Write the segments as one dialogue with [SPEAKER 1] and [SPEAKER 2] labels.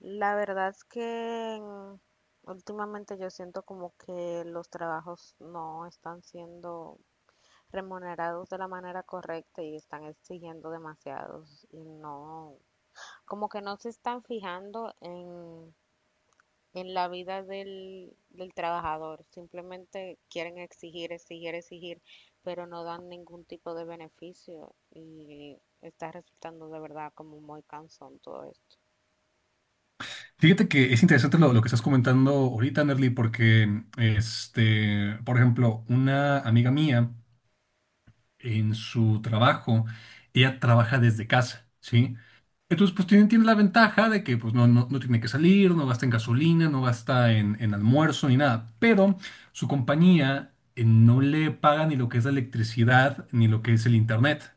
[SPEAKER 1] La verdad es que últimamente yo siento como que los trabajos no están siendo remunerados de la manera correcta y están exigiendo demasiados y no, como que no se están fijando en la vida del trabajador, simplemente quieren exigir, exigir, exigir, pero no dan ningún tipo de beneficio y está resultando de verdad como muy cansón todo esto.
[SPEAKER 2] Fíjate que es interesante lo que estás comentando ahorita, Nerly, porque, por ejemplo, una amiga mía en su trabajo, ella trabaja desde casa, ¿sí? Entonces, pues tiene la ventaja de que pues, no tiene que salir, no gasta en gasolina, no gasta en almuerzo ni nada, pero su compañía no le paga ni lo que es la electricidad ni lo que es el internet.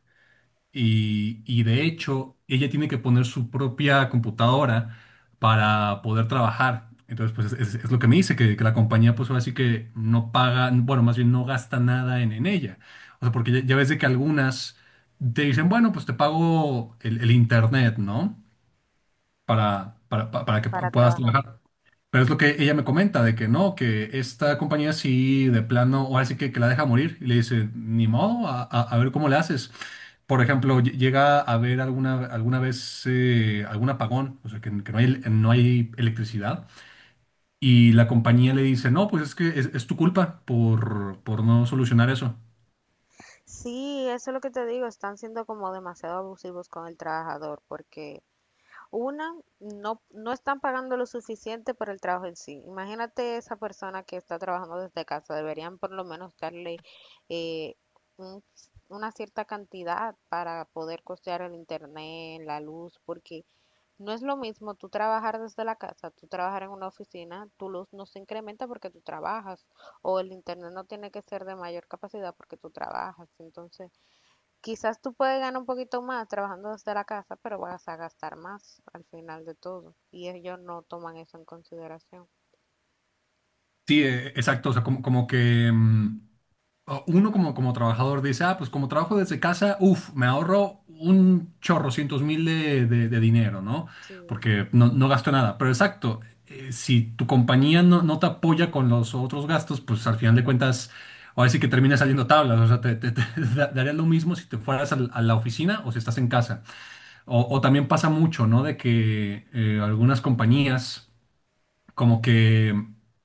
[SPEAKER 2] Y de
[SPEAKER 1] Sí,
[SPEAKER 2] hecho, ella tiene que poner su propia computadora para poder trabajar. Entonces, pues es lo que me dice, que la compañía, pues ahora sí que no paga, bueno, más bien no gasta nada en ella. O sea, porque ya ves de que algunas te dicen, bueno, pues te pago el internet, ¿no? Para que
[SPEAKER 1] para
[SPEAKER 2] puedas
[SPEAKER 1] trabajar.
[SPEAKER 2] trabajar. Pero es lo que ella me comenta, de que no, que esta compañía sí, de plano, ahora sí que la deja morir. Y le dice, ni modo, a ver cómo le haces. Por ejemplo, llega a haber alguna vez algún apagón, o sea, que no hay, no hay electricidad. Y la compañía le dice, no, pues es que es tu culpa por no solucionar eso.
[SPEAKER 1] Sí, eso es lo que te digo, están siendo como demasiado abusivos con el trabajador, porque una, no, no están pagando lo suficiente por el trabajo en sí. Imagínate esa persona que está trabajando desde casa, deberían por lo menos darle eh, un- una cierta cantidad para poder costear el internet, la luz, porque no es lo mismo tú trabajar desde la casa, tú trabajar en una oficina, tu luz no se incrementa porque tú trabajas, o el internet no tiene que ser de mayor capacidad porque tú trabajas, entonces... Quizás tú puedes ganar un poquito más trabajando desde la casa, pero vas a gastar más al final de todo. Y ellos no toman eso en consideración.
[SPEAKER 2] Sí, exacto, o sea, como que... o uno como trabajador dice, ah, pues como trabajo desde casa, uff, me ahorro un chorro, cientos mil de dinero, ¿no?
[SPEAKER 1] Sí,
[SPEAKER 2] Porque no gasto nada. Pero exacto, si tu compañía no te apoya con los otros gastos, pues al final de cuentas, ahora sí que termina saliendo tablas. O sea, te daría lo mismo si te fueras a la oficina o si estás en casa. O también pasa mucho, ¿no? De que algunas compañías como que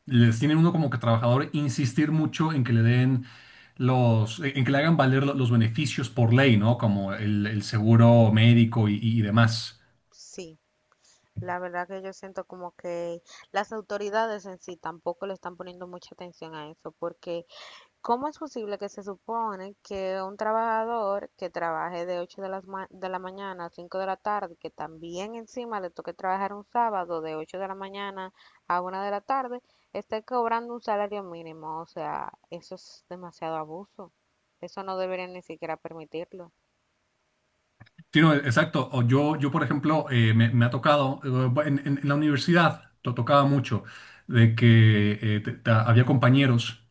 [SPEAKER 2] les tienen uno como que trabajador insistir mucho en que le den los, en que le hagan valer los beneficios por ley, ¿no? Como el seguro médico y demás.
[SPEAKER 1] sí. La verdad que yo siento como que las autoridades en sí tampoco le están poniendo mucha atención a eso, porque ¿cómo es posible que se supone que un trabajador que trabaje de 8 de las de la mañana a 5 de la tarde, que también encima le toque trabajar un sábado de 8 de la mañana a una de la tarde, esté cobrando un salario mínimo? O sea, eso es demasiado abuso. Eso no deberían ni siquiera permitirlo.
[SPEAKER 2] Sí, no, exacto. O yo, por ejemplo, me ha tocado, en la universidad, lo tocaba mucho, de que había compañeros.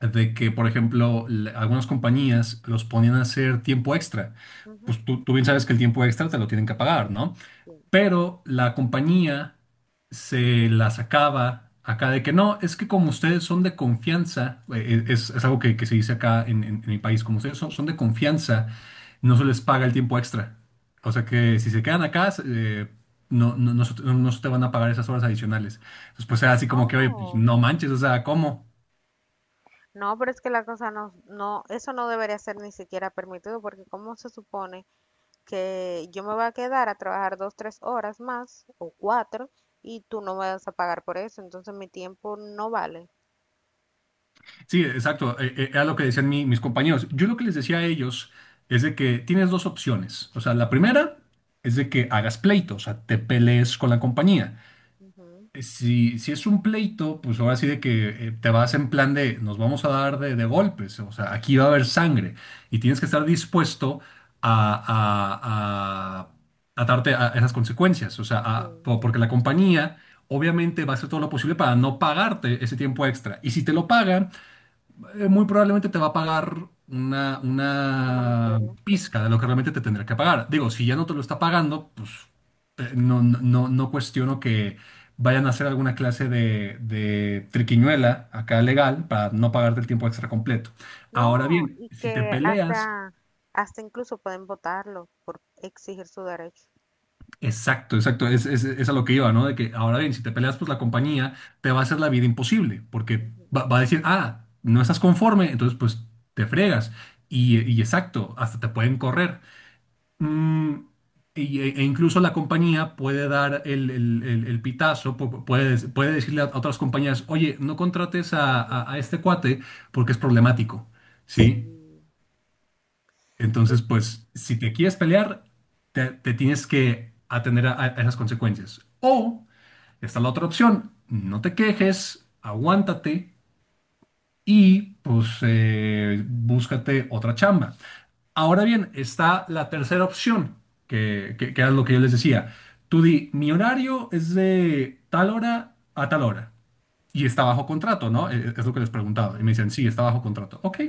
[SPEAKER 2] De que, por ejemplo, algunas compañías los ponían a hacer tiempo extra.
[SPEAKER 1] Ujú.
[SPEAKER 2] Pues tú bien sabes que el tiempo extra te lo tienen que pagar, ¿no?
[SPEAKER 1] Sí.
[SPEAKER 2] Pero la compañía se la sacaba acá de que no, es que como ustedes son de confianza, es algo que se dice acá en mi país, como ustedes son de confianza, no se les paga el tiempo extra. O sea que si se quedan acá, no se te van a pagar esas horas adicionales. Entonces, pues era así como que, oye, pues,
[SPEAKER 1] Oh,
[SPEAKER 2] no manches, o sea, ¿cómo?
[SPEAKER 1] no, pero es que la cosa no, no, eso no debería ser ni siquiera permitido porque ¿cómo se supone que yo me voy a quedar a trabajar dos, tres horas más o cuatro y tú no me vas a pagar por eso? Entonces mi tiempo no vale.
[SPEAKER 2] Sí, exacto. Era lo que decían mis compañeros. Yo lo que les decía a ellos es de que tienes dos opciones. O sea, la primera es de que hagas pleito, o sea, te pelees con la compañía.
[SPEAKER 1] Ujú,
[SPEAKER 2] Si es un pleito, pues ahora sí de que te vas en plan de nos vamos a dar de golpes, o sea, aquí va a haber sangre y tienes que estar dispuesto a, a, a- a darte a esas consecuencias. O sea,
[SPEAKER 1] sí,
[SPEAKER 2] porque la compañía obviamente va a hacer todo lo posible para no pagarte ese tiempo extra. Y si te lo pagan muy probablemente te va a pagar
[SPEAKER 1] una
[SPEAKER 2] una
[SPEAKER 1] miseria.
[SPEAKER 2] pizca de lo que realmente te tendrá que pagar. Digo, si ya no te lo está pagando, pues no cuestiono que vayan a hacer alguna clase de triquiñuela acá legal para no pagarte el tiempo extra completo. Ahora
[SPEAKER 1] No,
[SPEAKER 2] bien,
[SPEAKER 1] y
[SPEAKER 2] si te
[SPEAKER 1] que
[SPEAKER 2] peleas.
[SPEAKER 1] hasta, hasta incluso pueden votarlo por exigir su derecho.
[SPEAKER 2] Exacto, exacto. Es a lo que iba, ¿no? De que ahora bien, si te peleas, pues la compañía te va a hacer la vida imposible, porque
[SPEAKER 1] Ujú,
[SPEAKER 2] va a decir, ah, no estás conforme, entonces pues te fregas. Y exacto, hasta te pueden correr. Mm, E incluso la compañía puede dar el pitazo, puede, puede decirle a otras compañías, oye, no contrates
[SPEAKER 1] ujú,
[SPEAKER 2] a este cuate porque es problemático,
[SPEAKER 1] sí,
[SPEAKER 2] ¿sí?
[SPEAKER 1] entonces,
[SPEAKER 2] Entonces, pues, si te quieres pelear, te tienes que atender a esas consecuencias. O está la otra opción, no te quejes, aguántate y pues búscate otra chamba. Ahora bien, está la tercera opción, que era lo que yo les decía. Tú di, mi horario es de tal hora a tal hora. Y está bajo contrato, ¿no? Es lo que les preguntaba. Y me
[SPEAKER 1] ujú,
[SPEAKER 2] dicen, sí, está bajo contrato. Ok,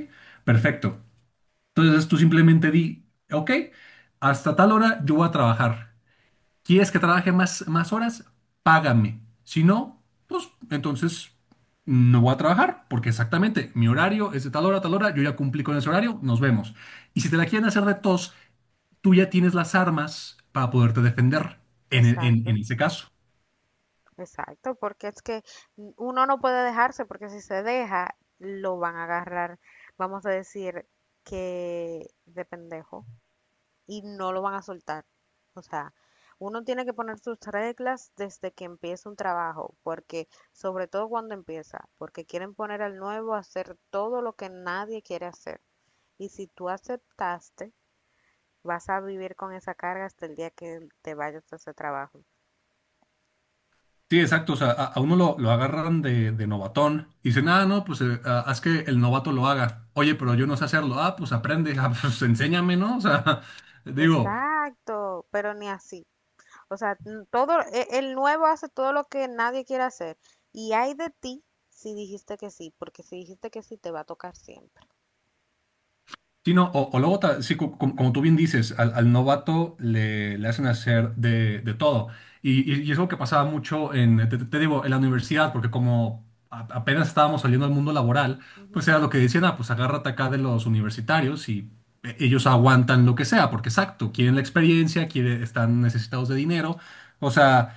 [SPEAKER 2] perfecto. Entonces tú simplemente di, ok, hasta tal hora yo voy a trabajar. ¿Quieres que trabaje más horas? Págame. Si no, pues entonces no voy a trabajar, porque exactamente mi horario es de tal hora a tal hora, yo ya cumplí con ese horario, nos vemos. Y si te la quieren hacer de tos, tú ya tienes las armas para poderte defender en en
[SPEAKER 1] exacto,
[SPEAKER 2] ese caso.
[SPEAKER 1] exacto, porque es que uno no puede dejarse, porque si se deja, lo van a agarrar, vamos a decir, que de pendejo. Y no lo van a soltar. O sea, uno tiene que poner sus reglas desde que empieza un trabajo, porque sobre todo cuando empieza, porque quieren poner al nuevo a hacer todo lo que nadie quiere hacer. Y si tú aceptaste, vas a vivir con esa carga hasta el día que te vayas a ese trabajo.
[SPEAKER 2] Sí, exacto. O sea, a uno lo agarran de novatón y dicen, ah, no, pues ah, haz que el novato lo haga. Oye, pero yo
[SPEAKER 1] Ujú.
[SPEAKER 2] no sé hacerlo. Ah, pues aprende. Ah, pues enséñame, ¿no? O sea, digo.
[SPEAKER 1] Exacto, pero ni así. O sea, todo el nuevo hace todo lo que nadie quiere hacer. Y hay de ti si dijiste que sí, porque si dijiste que sí te va a tocar siempre.
[SPEAKER 2] Sí, no, o luego, como tú bien dices, al novato le hacen hacer de todo. Y es algo que pasaba mucho en, te digo, en la universidad, porque como apenas estábamos saliendo al mundo laboral, pues
[SPEAKER 1] Ujú.
[SPEAKER 2] era lo que decían, ah, pues agárrate acá de los universitarios y ellos aguantan lo que sea, porque exacto, quieren la experiencia, quieren, están necesitados de dinero, o sea,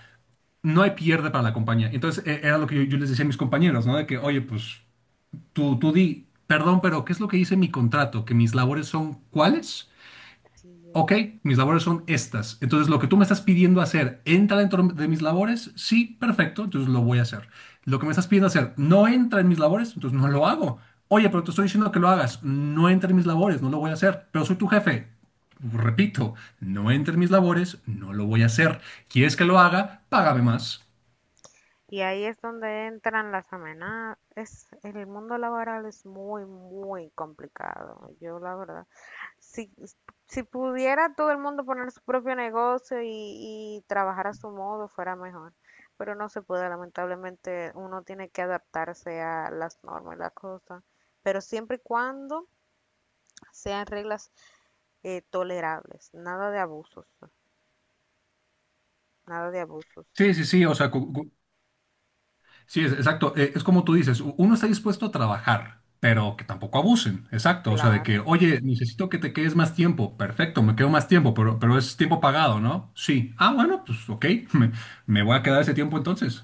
[SPEAKER 2] no hay pierde para la compañía. Entonces, era lo que yo les decía a mis compañeros, ¿no? De que, oye, pues... Tú di, perdón, pero ¿qué es lo que dice mi contrato? ¿Que mis labores son cuáles?
[SPEAKER 1] Sí.
[SPEAKER 2] Ok, mis labores son estas. Entonces, lo que tú me estás pidiendo hacer, ¿entra dentro de mis labores? Sí, perfecto, entonces lo voy a hacer. Lo que me estás pidiendo hacer, ¿no entra en mis labores? Entonces no lo hago. Oye, pero te estoy diciendo que lo hagas. No entra en mis labores, no lo voy a hacer. Pero soy tu jefe. Repito, no entra en mis labores, no lo voy a hacer. ¿Quieres que lo haga? Págame más.
[SPEAKER 1] Y ahí es donde entran las amenazas. Es, el mundo laboral es muy, muy complicado. Yo, la verdad, si, si pudiera todo el mundo poner su propio negocio y trabajar a su modo, fuera mejor. Pero no se puede, lamentablemente, uno tiene que adaptarse a las normas y las cosas. Pero siempre y cuando sean reglas tolerables, nada de abusos, nada de abusos.
[SPEAKER 2] Sí, o sea, exacto. Es como tú dices, uno está dispuesto a trabajar, pero que tampoco abusen. Exacto. O sea, de que,
[SPEAKER 1] Claro.
[SPEAKER 2] oye, necesito que te quedes más tiempo. Perfecto, me quedo más tiempo, pero es tiempo pagado, ¿no? Sí. Ah, bueno, pues ok, me, me voy a quedar ese tiempo entonces.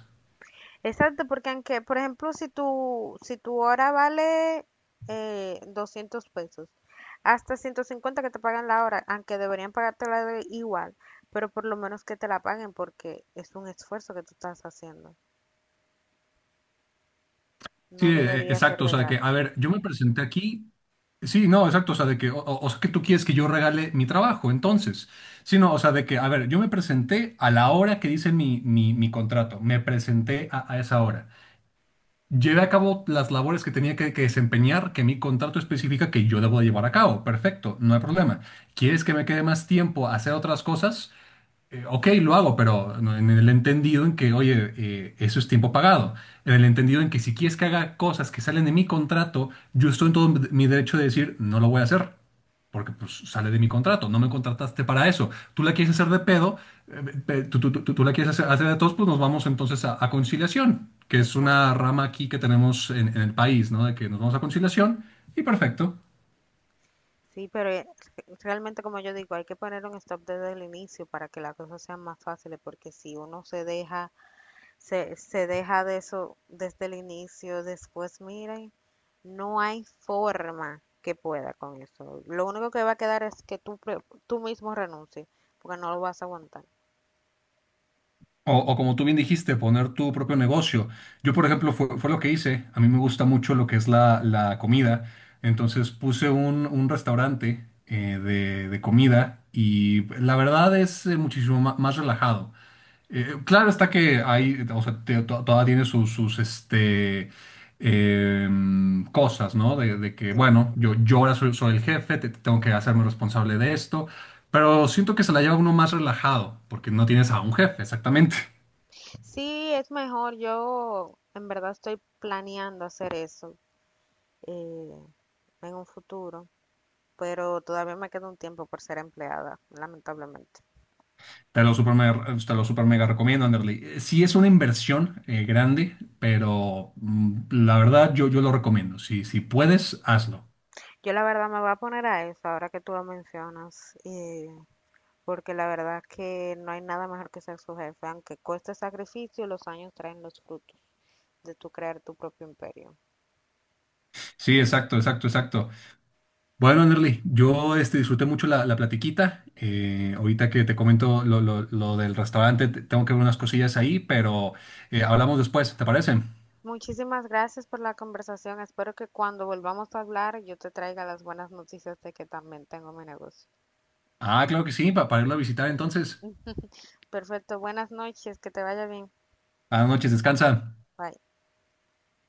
[SPEAKER 1] Exacto, porque aunque, por ejemplo, si tu hora vale 200 pesos, hasta 150 que te pagan la hora, aunque deberían pagártela igual, pero por lo menos que te la paguen porque es un esfuerzo que tú estás haciendo. No
[SPEAKER 2] Sí,
[SPEAKER 1] debería ser
[SPEAKER 2] exacto. O
[SPEAKER 1] de
[SPEAKER 2] sea, de que, a
[SPEAKER 1] gratis.
[SPEAKER 2] ver, yo me presenté aquí. Sí, no, exacto. O sea, de que, o sea, que tú quieres que yo regale mi trabajo, entonces. Sí, no, o
[SPEAKER 1] Mm.
[SPEAKER 2] sea, de que, a ver, yo me presenté a la hora que dice mi contrato. Me presenté a esa hora. Llevé a cabo las labores que tenía que desempeñar, que mi contrato especifica que yo debo de llevar a cabo. Perfecto, no hay problema. ¿Quieres que me quede más tiempo a hacer otras cosas? Ok, lo hago, pero en el entendido en que, oye, eso es tiempo pagado. En el entendido en que si quieres que haga cosas que salen de mi contrato, yo estoy en todo mi derecho de decir, no lo voy a hacer. Porque pues sale de mi contrato, no me contrataste para eso. Tú la quieres hacer de pedo, tú la quieres hacer de todos, pues nos vamos entonces a conciliación, que es una
[SPEAKER 1] Exacto.
[SPEAKER 2] rama aquí que tenemos en el país, ¿no? De que nos vamos a conciliación y perfecto.
[SPEAKER 1] Sí, pero realmente como yo digo, hay que poner un stop desde el inicio para que las cosas sean más fáciles, porque si uno se deja se deja de eso desde el inicio, después miren, no hay forma que pueda con eso. Lo único que va a quedar es que tú mismo renuncies, porque no lo vas a aguantar.
[SPEAKER 2] O como tú bien dijiste, poner tu propio negocio. Yo, por
[SPEAKER 1] Ujú,
[SPEAKER 2] ejemplo, fue lo que hice. A mí me gusta mucho lo que es la comida. Entonces puse un restaurante de comida y la verdad es muchísimo más relajado. Claro está que hay, o sea, todavía tiene sus, sus cosas, ¿no? De que,
[SPEAKER 1] sí.
[SPEAKER 2] bueno, yo ahora soy, soy el jefe, tengo que hacerme responsable de esto. Pero siento que se la lleva uno más relajado, porque no tienes a un jefe, exactamente.
[SPEAKER 1] Sí, es mejor, yo en verdad estoy planeando hacer eso eh, en un futuro, pero todavía me queda un tiempo por ser empleada, lamentablemente.
[SPEAKER 2] Te lo super mega recomiendo, Anderly. Sí es una inversión grande, pero la verdad yo lo recomiendo. Si, si puedes, hazlo.
[SPEAKER 1] Yo la verdad me voy a poner a eso ahora que tú lo mencionas. Porque la verdad que no hay nada mejor que ser su jefe, aunque cueste sacrificio, los años traen los frutos de tu crear tu propio imperio.
[SPEAKER 2] Sí, exacto, exacto, exacto. Bueno, Anderly, yo disfruté mucho la platiquita. Ahorita que te comento lo, lo del restaurante, tengo que ver unas cosillas ahí, pero hablamos después, ¿te parece?
[SPEAKER 1] Muchísimas gracias por la conversación. Espero que cuando volvamos a hablar yo te traiga las buenas noticias de que también tengo mi negocio.
[SPEAKER 2] Ah, claro que sí, para irlo a visitar entonces.
[SPEAKER 1] Perfecto, buenas noches, que te vaya bien.
[SPEAKER 2] Buenas noches, descansa.
[SPEAKER 1] Bye.